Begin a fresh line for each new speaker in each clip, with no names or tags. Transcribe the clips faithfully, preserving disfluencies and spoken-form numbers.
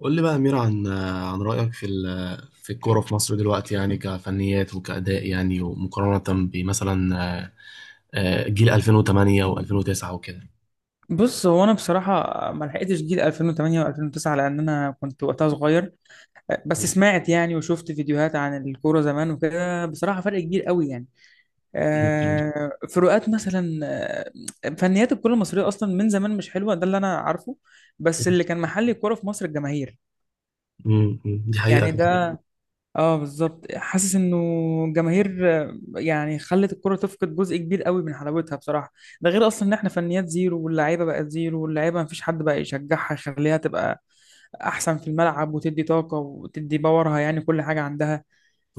قول لي بقى يا أمير، عن عن رأيك في ال- في الكورة في مصر دلوقتي، يعني كفنيات وكأداء، يعني ومقارنة بمثلا، آه، آه، جيل ألفين وثمانية و2009 وكده.
بص، هو انا بصراحه ما لحقتش جيل ألفين وتمانية و2009 لان انا كنت وقتها صغير. بس سمعت يعني وشفت فيديوهات عن الكوره زمان وكده، بصراحه فرق كبير قوي يعني. آه، فروقات مثلا. آه، فنيات الكره المصريه اصلا من زمان مش حلوه، ده اللي انا عارفه. بس اللي كان محل الكوره في مصر الجماهير.
أمم، أمم، دي حقيقة.
يعني ده، اه، بالظبط حاسس انه الجماهير آه، يعني خلت الكرة تفقد جزء كبير قوي من حلاوتها بصراحة. ده غير اصلا ان احنا فنيات زيرو، واللعيبة بقت زيرو، واللعيبة مفيش حد بقى يشجعها يخليها تبقى احسن في الملعب وتدي طاقة وتدي باورها، يعني كل حاجة عندها.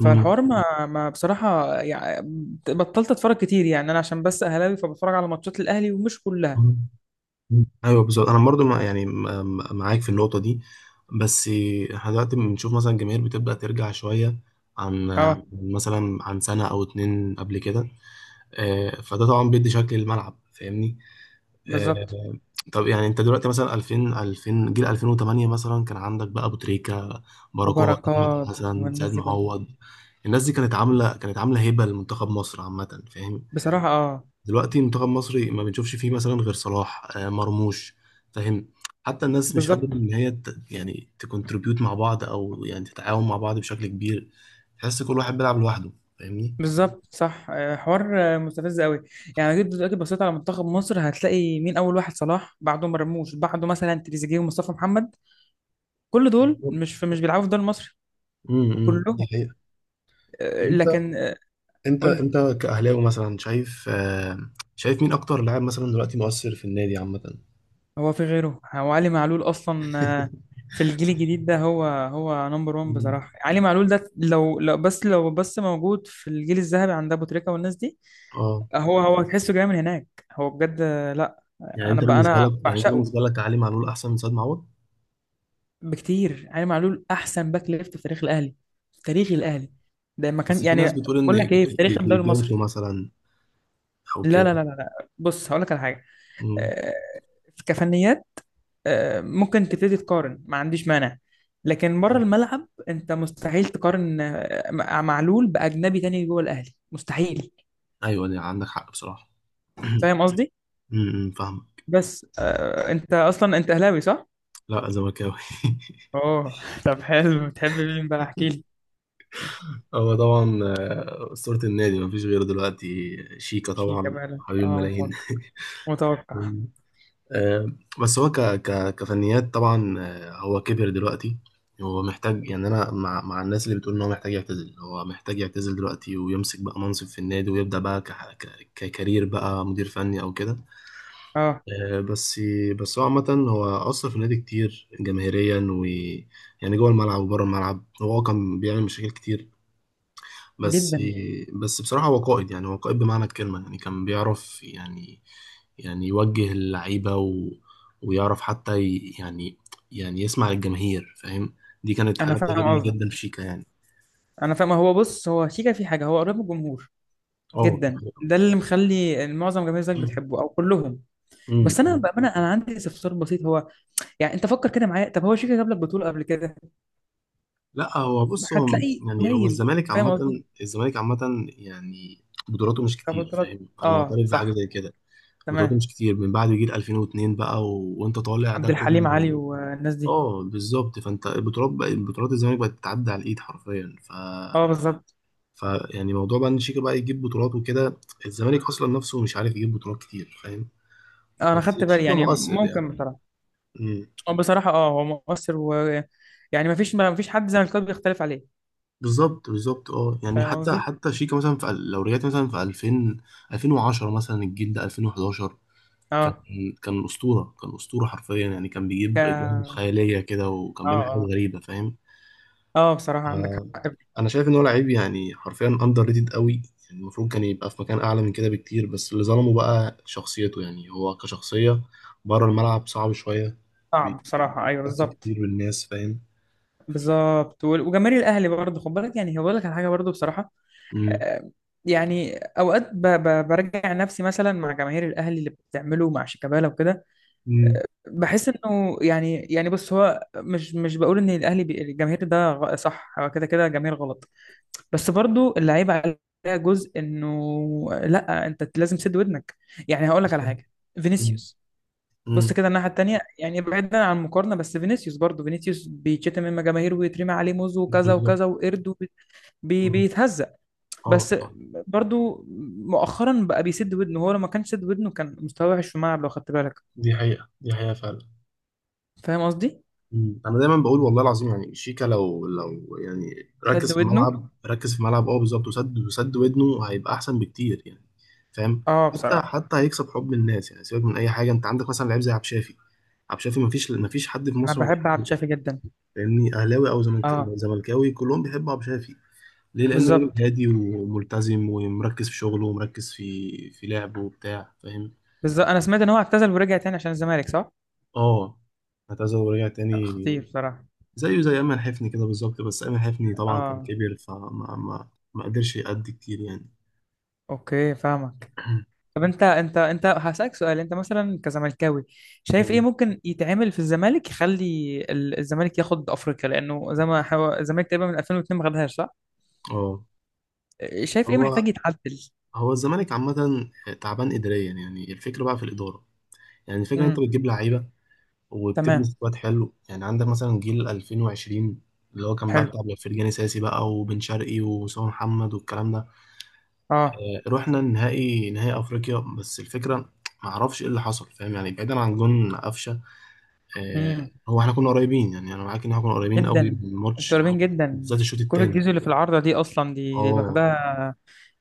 أمم،
ما ما بصراحة، يعني بطلت اتفرج كتير. يعني انا عشان بس اهلاوي، فبتفرج على ماتشات الاهلي ومش كلها.
أمم، أيوه بالظبط. أنا برضو مع- يعني م- معاك في النقطة دي، بس احنا دلوقتي بنشوف مثلا الجماهير بتبدأ ترجع شوية، عن عن
اه
مثلا عن سنة أو اتنين قبل كده. آه، فده طبعا بيدي شكل الملعب، فاهمني؟ آه،
بالظبط،
طب يعني انت دلوقتي مثلا، ألفين ألفين، جيل ألفين وثمانية مثلا، كان عندك بقى ابو تريكه، بركات، احمد
وبركات
حسن،
والناس
سيد
دي كلها.
معوض. الناس دي كانت عامله كانت عامله هبه لمنتخب مصر عامه، فاهم؟
بصراحة اه.
دلوقتي منتخب مصري ما بنشوفش فيه مثلا غير صلاح، آه، مرموش، فاهم؟ حتى الناس مش قادره
بالظبط.
ان هي ت- يعني تكونتريبيوت مع بعض، او يعني تتعاون مع بعض بشكل كبير. تحس كل واحد بيلعب لوحده، فاهمني؟
بالظبط صح. آه، حوار آه، مستفز قوي. يعني جيت دلوقتي بصيت على منتخب مصر، هتلاقي مين اول واحد؟ صلاح، بعده مرموش، بعده مثلا تريزيجيه ومصطفى محمد. كل دول
بالظبط.
مش في، مش بيلعبوا في الدوري المصري.
امم أمم، دي
كلهم.
حقيقة. طب
آه،
انت
لكن آه،
انت
قول لي.
انت كأهلاوي مثلا شايف، آه، شايف مين اكتر لاعب مثلا دلوقتي مؤثر في النادي عامة؟
هو في غيره؟ هو علي معلول اصلا آه، في الجيل الجديد ده، هو هو نمبر واحد
مم.
بصراحه. علي معلول ده، لو لو بس لو بس موجود في الجيل الذهبي عند ابو تريكه والناس دي.
اه،
هو هو تحسه جاي من هناك. هو بجد آه، لا.
يعني انت
انا بقى،
بالنسبة
انا
لك يعني انت
بعشقه
بالنسبة لك علي معلول احسن من سيد معوض؟
بكتير. علي معلول احسن باك ليفت في تاريخ الاهلي، في تاريخ الاهلي. ده ما
بس
كان،
في ناس
يعني
بتقول ان
بقول
ج-
لك ايه، في تاريخ
ج-
الدوري
جilberto
المصري.
مثلا، او
لا،
كده.
لا، لا، لا، لا. بص هقول لك على حاجه
مم.
آه، كفنيات آه، ممكن تبتدي تقارن، ما عنديش مانع. لكن بره الملعب انت مستحيل تقارن آه، مع معلول باجنبي تاني جوه الاهلي، مستحيل.
ايوه، دي عندك حق بصراحة.
فاهم قصدي؟
امم فاهم.
بس آه، انت اصلا انت اهلاوي صح؟
لا، زملكاوي.
اوه طب حلو، بتحب مين بقى؟ احكي لي.
هو طبعا آه، أسطورة النادي مفيش غيره دلوقتي، شيكا
شيكا
طبعا،
بقى،
حبيب
اه
الملايين.
متوقع، متوقع.
آه، بس هو، ك ك كفنيات طبعا، آه، هو كبر دلوقتي. هو محتاج، يعني انا مع مع الناس اللي بتقول ان هو محتاج يعتزل، هو محتاج يعتزل دلوقتي، ويمسك بقى منصب في النادي ويبدأ بقى ك ك- ككارير بقى مدير فني او كده.
اه
آه، بس بس هو عامة، هو أثر في النادي كتير جماهيريا، و يعني جوه الملعب وبره الملعب هو كان بيعمل مشاكل كتير، بس
جدا.
بس بصراحة هو قائد، يعني هو قائد بمعنى الكلمة، يعني كان بيعرف، يعني يعني يوجه اللعيبة، و... ويعرف حتى ي... يعني يعني يسمع الجماهير، فاهم؟ دي كانت
انا
حاجة
فاهم
بتعجبني
قصدك،
جدا في شيكا، يعني.
انا فاهم. هو بص، هو شيكا في حاجه، هو قريب من الجمهور
اه.
جدا. ده اللي مخلي معظم جماهير الزمالك بتحبه او كلهم. بس انا
أمم.
بامانه، انا عندي استفسار بسيط. هو يعني انت فكر كده معايا، طب هو شيكا جاب لك بطوله قبل كده؟
لا، هو بص، هو
هتلاقي
يعني، هو
قليل.
الزمالك
فاهم
عامة
قصدي؟
الزمالك عامة، يعني بطولاته مش كتير،
كبطولات
فاهم؟ أنا
اه،
معترف بحاجة
صح.
زي كده. بطولاته
تمام.
مش كتير من بعد جيل ألفين واتنين بقى، و... وأنت طالع ده
عبد الحليم علي
كله.
والناس دي.
اه، بالظبط. فانت البطولات بقى، البطولات الزمالك بقت تتعدى على الايد حرفيا. ف
اه بالظبط.
ف يعني موضوع بقى ان شيكا بقى يجيب بطولات وكده، الزمالك اصلا نفسه مش عارف يجيب بطولات كتير، فاهم؟
انا
بس
خدت بالي،
شيكا
يعني
مؤثر، يعني.
ممكن بصراحه
امم
آه، بصراحه اه، هو مؤثر. و يعني ما فيش ما فيش حد زملكاوي بيختلف عليه.
بالظبط، بالظبط، اه، يعني
فاهم
حتى
قصدي.
حتى شيكا مثلا، في ال- لو رجعت مثلا في ألفين، ألفين وعشرة مثلا، الجيل ده ألفين وحداشر، كان
اه،
كان اسطوره، كان اسطوره حرفيا، يعني كان
ك
بيجيب اجوان
اه
خياليه كده، وكان بيعمل حاجات
آه.
غريبه، فاهم؟
اه بصراحة عندك حق.
انا شايف ان هو لعيب، يعني حرفيا اندر ريتد قوي، يعني المفروض كان يبقى في مكان اعلى من كده بكتير، بس اللي ظلمه بقى شخصيته، يعني هو كشخصيه بره الملعب صعب شويه، بي-
صعب بصراحة، ايوه
بيحتك
بالظبط.
كتير بالناس، فاهم؟
بالظبط. وال- وجماهير الاهلي برضه خد بالك، يعني هقول لك على حاجة برضه بصراحة
امم
آه، يعني اوقات، ب- ب- برجع نفسي مثلا مع جماهير الاهلي اللي بتعمله مع شيكابالا وكده.
امم
بحس انه يعني يعني بص، هو مش مش بقول ان الاهلي بي- الجماهير ده غ- صح، هو كده كده جماهير غلط. بس برضه اللعيبة عليها جزء، انه لا، انت لازم تسد ودنك. يعني هقول لك على
بالظبط.
حاجة.
مم.
فينيسيوس، بص
مم.
كده الناحية التانية، يعني بعيدا عن المقارنة، بس فينيسيوس برضه، فينيسيوس بيتشتم من جماهير ويترمي عليه موز وكذا
بالظبط.
وكذا وقرد، وبي- بي
مم.
بيتهزق.
اه،
بس
صح،
برضه مؤخرا بقى بيسد ودنه. هو لما كان سد ودنه كان مستواه وحش في الملعب لو خدت بالك.
دي حقيقه، دي حقيقه فعلا.
فاهم قصدي؟
مم. انا دايما بقول والله العظيم، يعني شيكا لو لو يعني
سد
ركز في
ودنه.
الملعب، ركز في الملعب، اه بالظبط، وسد وسد ودنه هيبقى احسن بكتير، يعني، فاهم؟
اه
حتى
بصراحة.
حتى هيكسب حب الناس، يعني سيبك من اي حاجه. انت عندك مثلا لعيب زي عبد الشافي. عبد الشافي مفيش مفيش حد في
انا
مصر ما
بحب عبد
بيحبوش،
الشافي جدا.
فاهمني؟ اهلاوي او زملك-
اه
زملكاوي، كلهم بيحبوا عبد الشافي. ليه؟ لان راجل
بالظبط،
هادي وملتزم، ومركز في شغله، ومركز في في لعبه وبتاع، فاهم؟
بالظبط. انا سمعت ان هو اعتزل ورجع تاني عشان الزمالك، صح؟
اه، اعتزل ورجع تاني،
خطير بصراحة.
زيه زي أمل حفني كده بالظبط. بس أمل حفني طبعا كان
اه.
كبير، فما ما ما قدرش يأدي كتير، يعني.
اوكي فاهمك. طب انت انت انت هسألك سؤال، انت مثلا كزملكاوي شايف ايه ممكن يتعمل في الزمالك يخلي ال- الزمالك ياخد افريقيا، لانه زي ما حو... الزمالك تقريبا من ألفين واتنين ما خدهاش صح؟
اه.
شايف ايه
هو
محتاج يتعدل؟
هو الزمالك عامة تعبان إداريا، يعني الفكرة بقى في الإدارة، يعني الفكرة أنت
امم،
بتجيب لعيبة، وبتبني
تمام.
سكواد حلو، يعني عندك مثلا جيل ألفين وعشرين، اللي هو كان بقى
حلو،
بتاع فرجاني ساسي بقى، وبن شرقي، وأسامة محمد، والكلام ده.
اه.
آه، رحنا النهائي نهائي أفريقيا، بس الفكرة معرفش إيه اللي حصل، فاهم؟ يعني بعيدا عن جون قفشة. آه،
امم،
هو احنا كنا قريبين، يعني انا معاك ان احنا كنا قريبين قوي
جدا.
من الماتش،
انتوا قريبين جدا.
بالذات الشوط
كرة
الثاني،
جيزو اللي في العارضة دي، اصلا دي دي
اه.
لوحدها.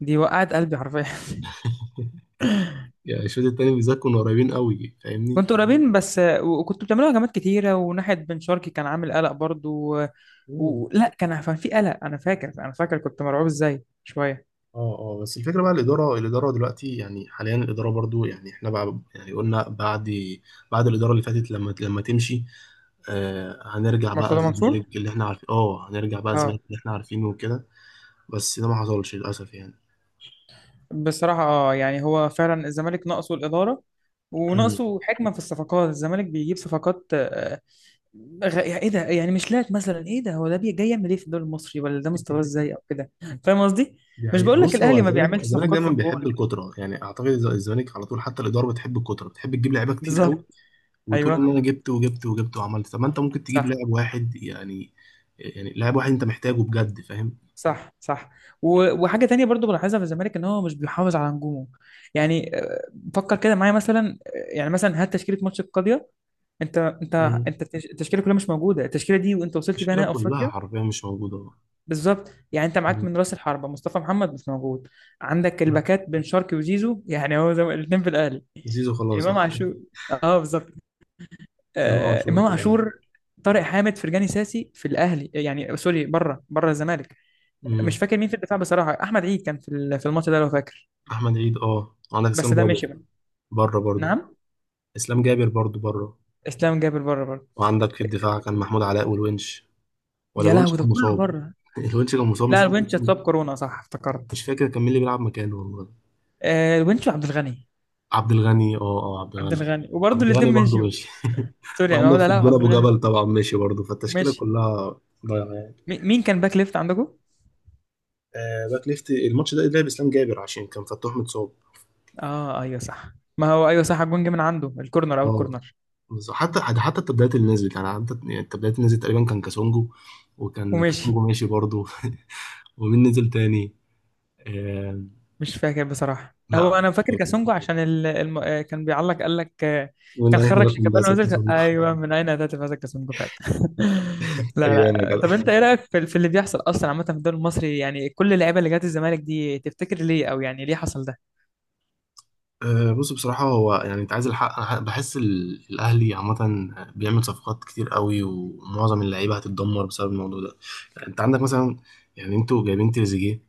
دي وقعت قلبي حرفيا.
يعني الشوط الثاني بالذات كنا قريبين قوي، فاهمني؟
كنتوا قريبين بس، وكنتوا بتعملوا هجمات كتيرة، وناحية بن شرقي كان عامل قلق برضو، و...
مم.
و... لا، كان كان في قلق. أنا فاكر أنا فاكر كنت مرعوب إزاي شوية.
اه، اه، بس الفكره بقى، الاداره الاداره دلوقتي، يعني حاليا الاداره برضو، يعني احنا بقى، يعني قلنا بعد بعد الاداره اللي فاتت، لما لما تمشي، آه هنرجع بقى
مرتضى مم. منصور.
الزمالك اللي احنا عارفين اه هنرجع بقى
اه
الزمالك اللي احنا عارفينه وكده. بس ده ما حصلش للاسف، يعني.
بصراحة اه، يعني هو فعلا الزمالك ناقصه الإدارة،
مم.
وناقصه حكمة في الصفقات. الزمالك بيجيب صفقات آه، غ... يعني إيه ده؟ يعني مش لاعب مثلا. إيه ده؟ هو ده بي- جاي يعمل إيه في الدوري المصري؟ ولا ده مستواه إزاي، أو كده. فاهم قصدي؟
دي
مش
حقيقة.
بقول لك
بص، هو
الأهلي ما
الزمالك
بيعملش
الزمالك
صفقات في
دايما بيحب
الجول.
الكترة، يعني اعتقد الز- الزمالك على طول، حتى الإدارة بتحب الكترة، بتحب تجيب لعيبة كتير قوي،
بالظبط،
وتقول
أيوه،
ان انا جبت، وجبت، وجبت، وعملت. طب ما انت ممكن تجيب
صح،
لاعب واحد، يعني يعني لاعب واحد انت محتاجه بجد، فاهم؟
صح، صح. و- وحاجه تانية برضو بلاحظها في الزمالك، ان هو مش بيحافظ على نجومه. يعني آه، فكر كده معايا مثلا آه، يعني مثلا هات تشكيله ماتش القضيه. انت انت
مم.
انت التش- التشكيله كلها مش موجوده. التشكيله دي وانت وصلت بيها
المشكلة
نهائي
كلها
افريقيا.
حرفيا مش موجودة.
بالظبط. يعني انت معاك
مم.
من راس الحربه مصطفى محمد، مش موجود. عندك الباكات بن شرقي وزيزو، يعني هو زي الاثنين في الاهلي.
زيزو خلاص، اه.
امام عاشور. اه بالظبط.
امام
آه
عاشور
امام
في الأهلي.
عاشور. طارق حامد، فرجاني ساسي في الاهلي، يعني آه، سوري، بره بره الزمالك.
مم.
مش فاكر مين في الدفاع بصراحه. احمد عيد كان في ال- في الماتش ده لو فاكر.
احمد عيد، اه، عندك
بس
اسلام
ده
جابر
مشي بقى.
بره برضو.
نعم.
اسلام جابر برضو بره.
اسلام جابر بره برضه.
وعندك في الدفاع كان محمود علاء والونش، ولا
يا
الونش
لهوي، ده
كان
كله
مصاب؟
بره.
الونش كان مصاب، مش
لا،
فاكر.
الونش اتصاب كورونا، صح افتكرت.
مش فاكر كان مين اللي بيلعب مكانه والله.
آه الونش وعبد الغني.
عبد الغني، اه، اه، عبد
عبد
الغني
الغني، وبرضه
عبد الغني
الاثنين
برضه
مشيوا.
ماشي.
سوري، يعني هو
وعندك
ده.
في
لا،
الجون
عبد
ابو
الغني
جبل طبعا ماشي برضه، فالتشكيله
ماشي.
كلها ضايعه، يعني.
مي- مين كان باك ليفت عندكم؟
آه، باك ليفت الماتش ده لعب اسلام جابر عشان كان فتوح متصاب،
اه ايوه صح. ما هو ايوه صح، الجون جه من عنده، الكورنر او
اه.
الكورنر.
بس حتى حتى التبديلات اللي نزلت، يعني حتى يعني التبديلات اللي نزلت تقريبا كان كاسونجو، وكان
ومشي.
كاسونجو ماشي برضه. ومين نزل تاني؟ آه
مش فاكر بصراحة.
لا،
هو أنا
مش
فاكر كاسونجو
فاكر
عشان ال... الم... آه، كان بيعلق قال لك آه،
من
كان
اي
خرج
رقم،
شيكابالا
بس
ونزل،
كاسونجو.
أيوه من أين أتت هذا كاسونجو فعلا. لا،
ايام يا
لا.
جدع.
طب أنت إيه رأيك في... في اللي بيحصل أصلا عامة في الدوري المصري؟ يعني كل اللعيبة اللي جت الزمالك دي، تفتكر ليه، أو يعني ليه حصل ده؟
أه، بص، بصراحة، هو يعني، أنت عايز الحق، أنا بحس ال- الأهلي عامة بيعمل صفقات كتير قوي، ومعظم اللعيبة هتتدمر بسبب الموضوع ده، يعني أنت عندك مثلا، يعني أنتوا جايبين تريزيجيه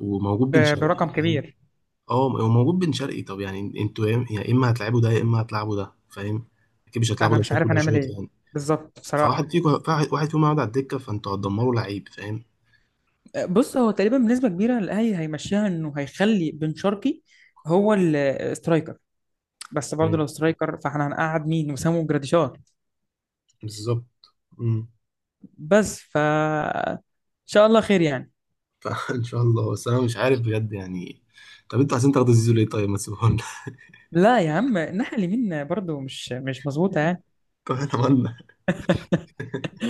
وموجود بن
ب...
شرقي،
برقم
فاهم؟
كبير.
أه، وموجود بن شرقي. طب يعني أنتوا يا يا إما هتلعبوا ده، يا إما هتلعبوا ده، فاهم؟ أكيد مش هتلعبوا
أنا
ده
مش
شوط
عارف
وده
هنعمل
شوط،
إيه.
يعني.
بالظبط بصراحة
فواحد فيكم واحد فيهم هيقعد على الدكة، فأنتوا هتدمروا لعيب، فاهم؟
آه، بص، هو تقريبا بنسبة كبيرة الأهلي هيمشيها إنه هيخلي بن شرقي هو السترايكر. بس برضه لو
مم،
سترايكر، فاحنا هنقعد مين؟ وسام وجراديشار.
بالظبط. مم.
بس، ف ان شاء الله خير يعني.
فإن شاء الله، بس أنا مش عارف بجد، يعني. طب أنتوا عايزين تاخدوا زيزو ليه؟ طيب، ما تسيبوه.
لا يا عم، الناحيه اليمين برضو مش مش مظبوطه يعني.
طب اتمنى.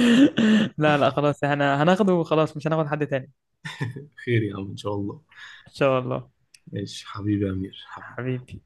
لا، لا، خلاص، احنا هناخده وخلاص، مش هناخد حد تاني.
خير يا عم، ان شاء الله.
ان شاء الله.
ماشي حبيبي يا امير، حبيبي.
حبيبي.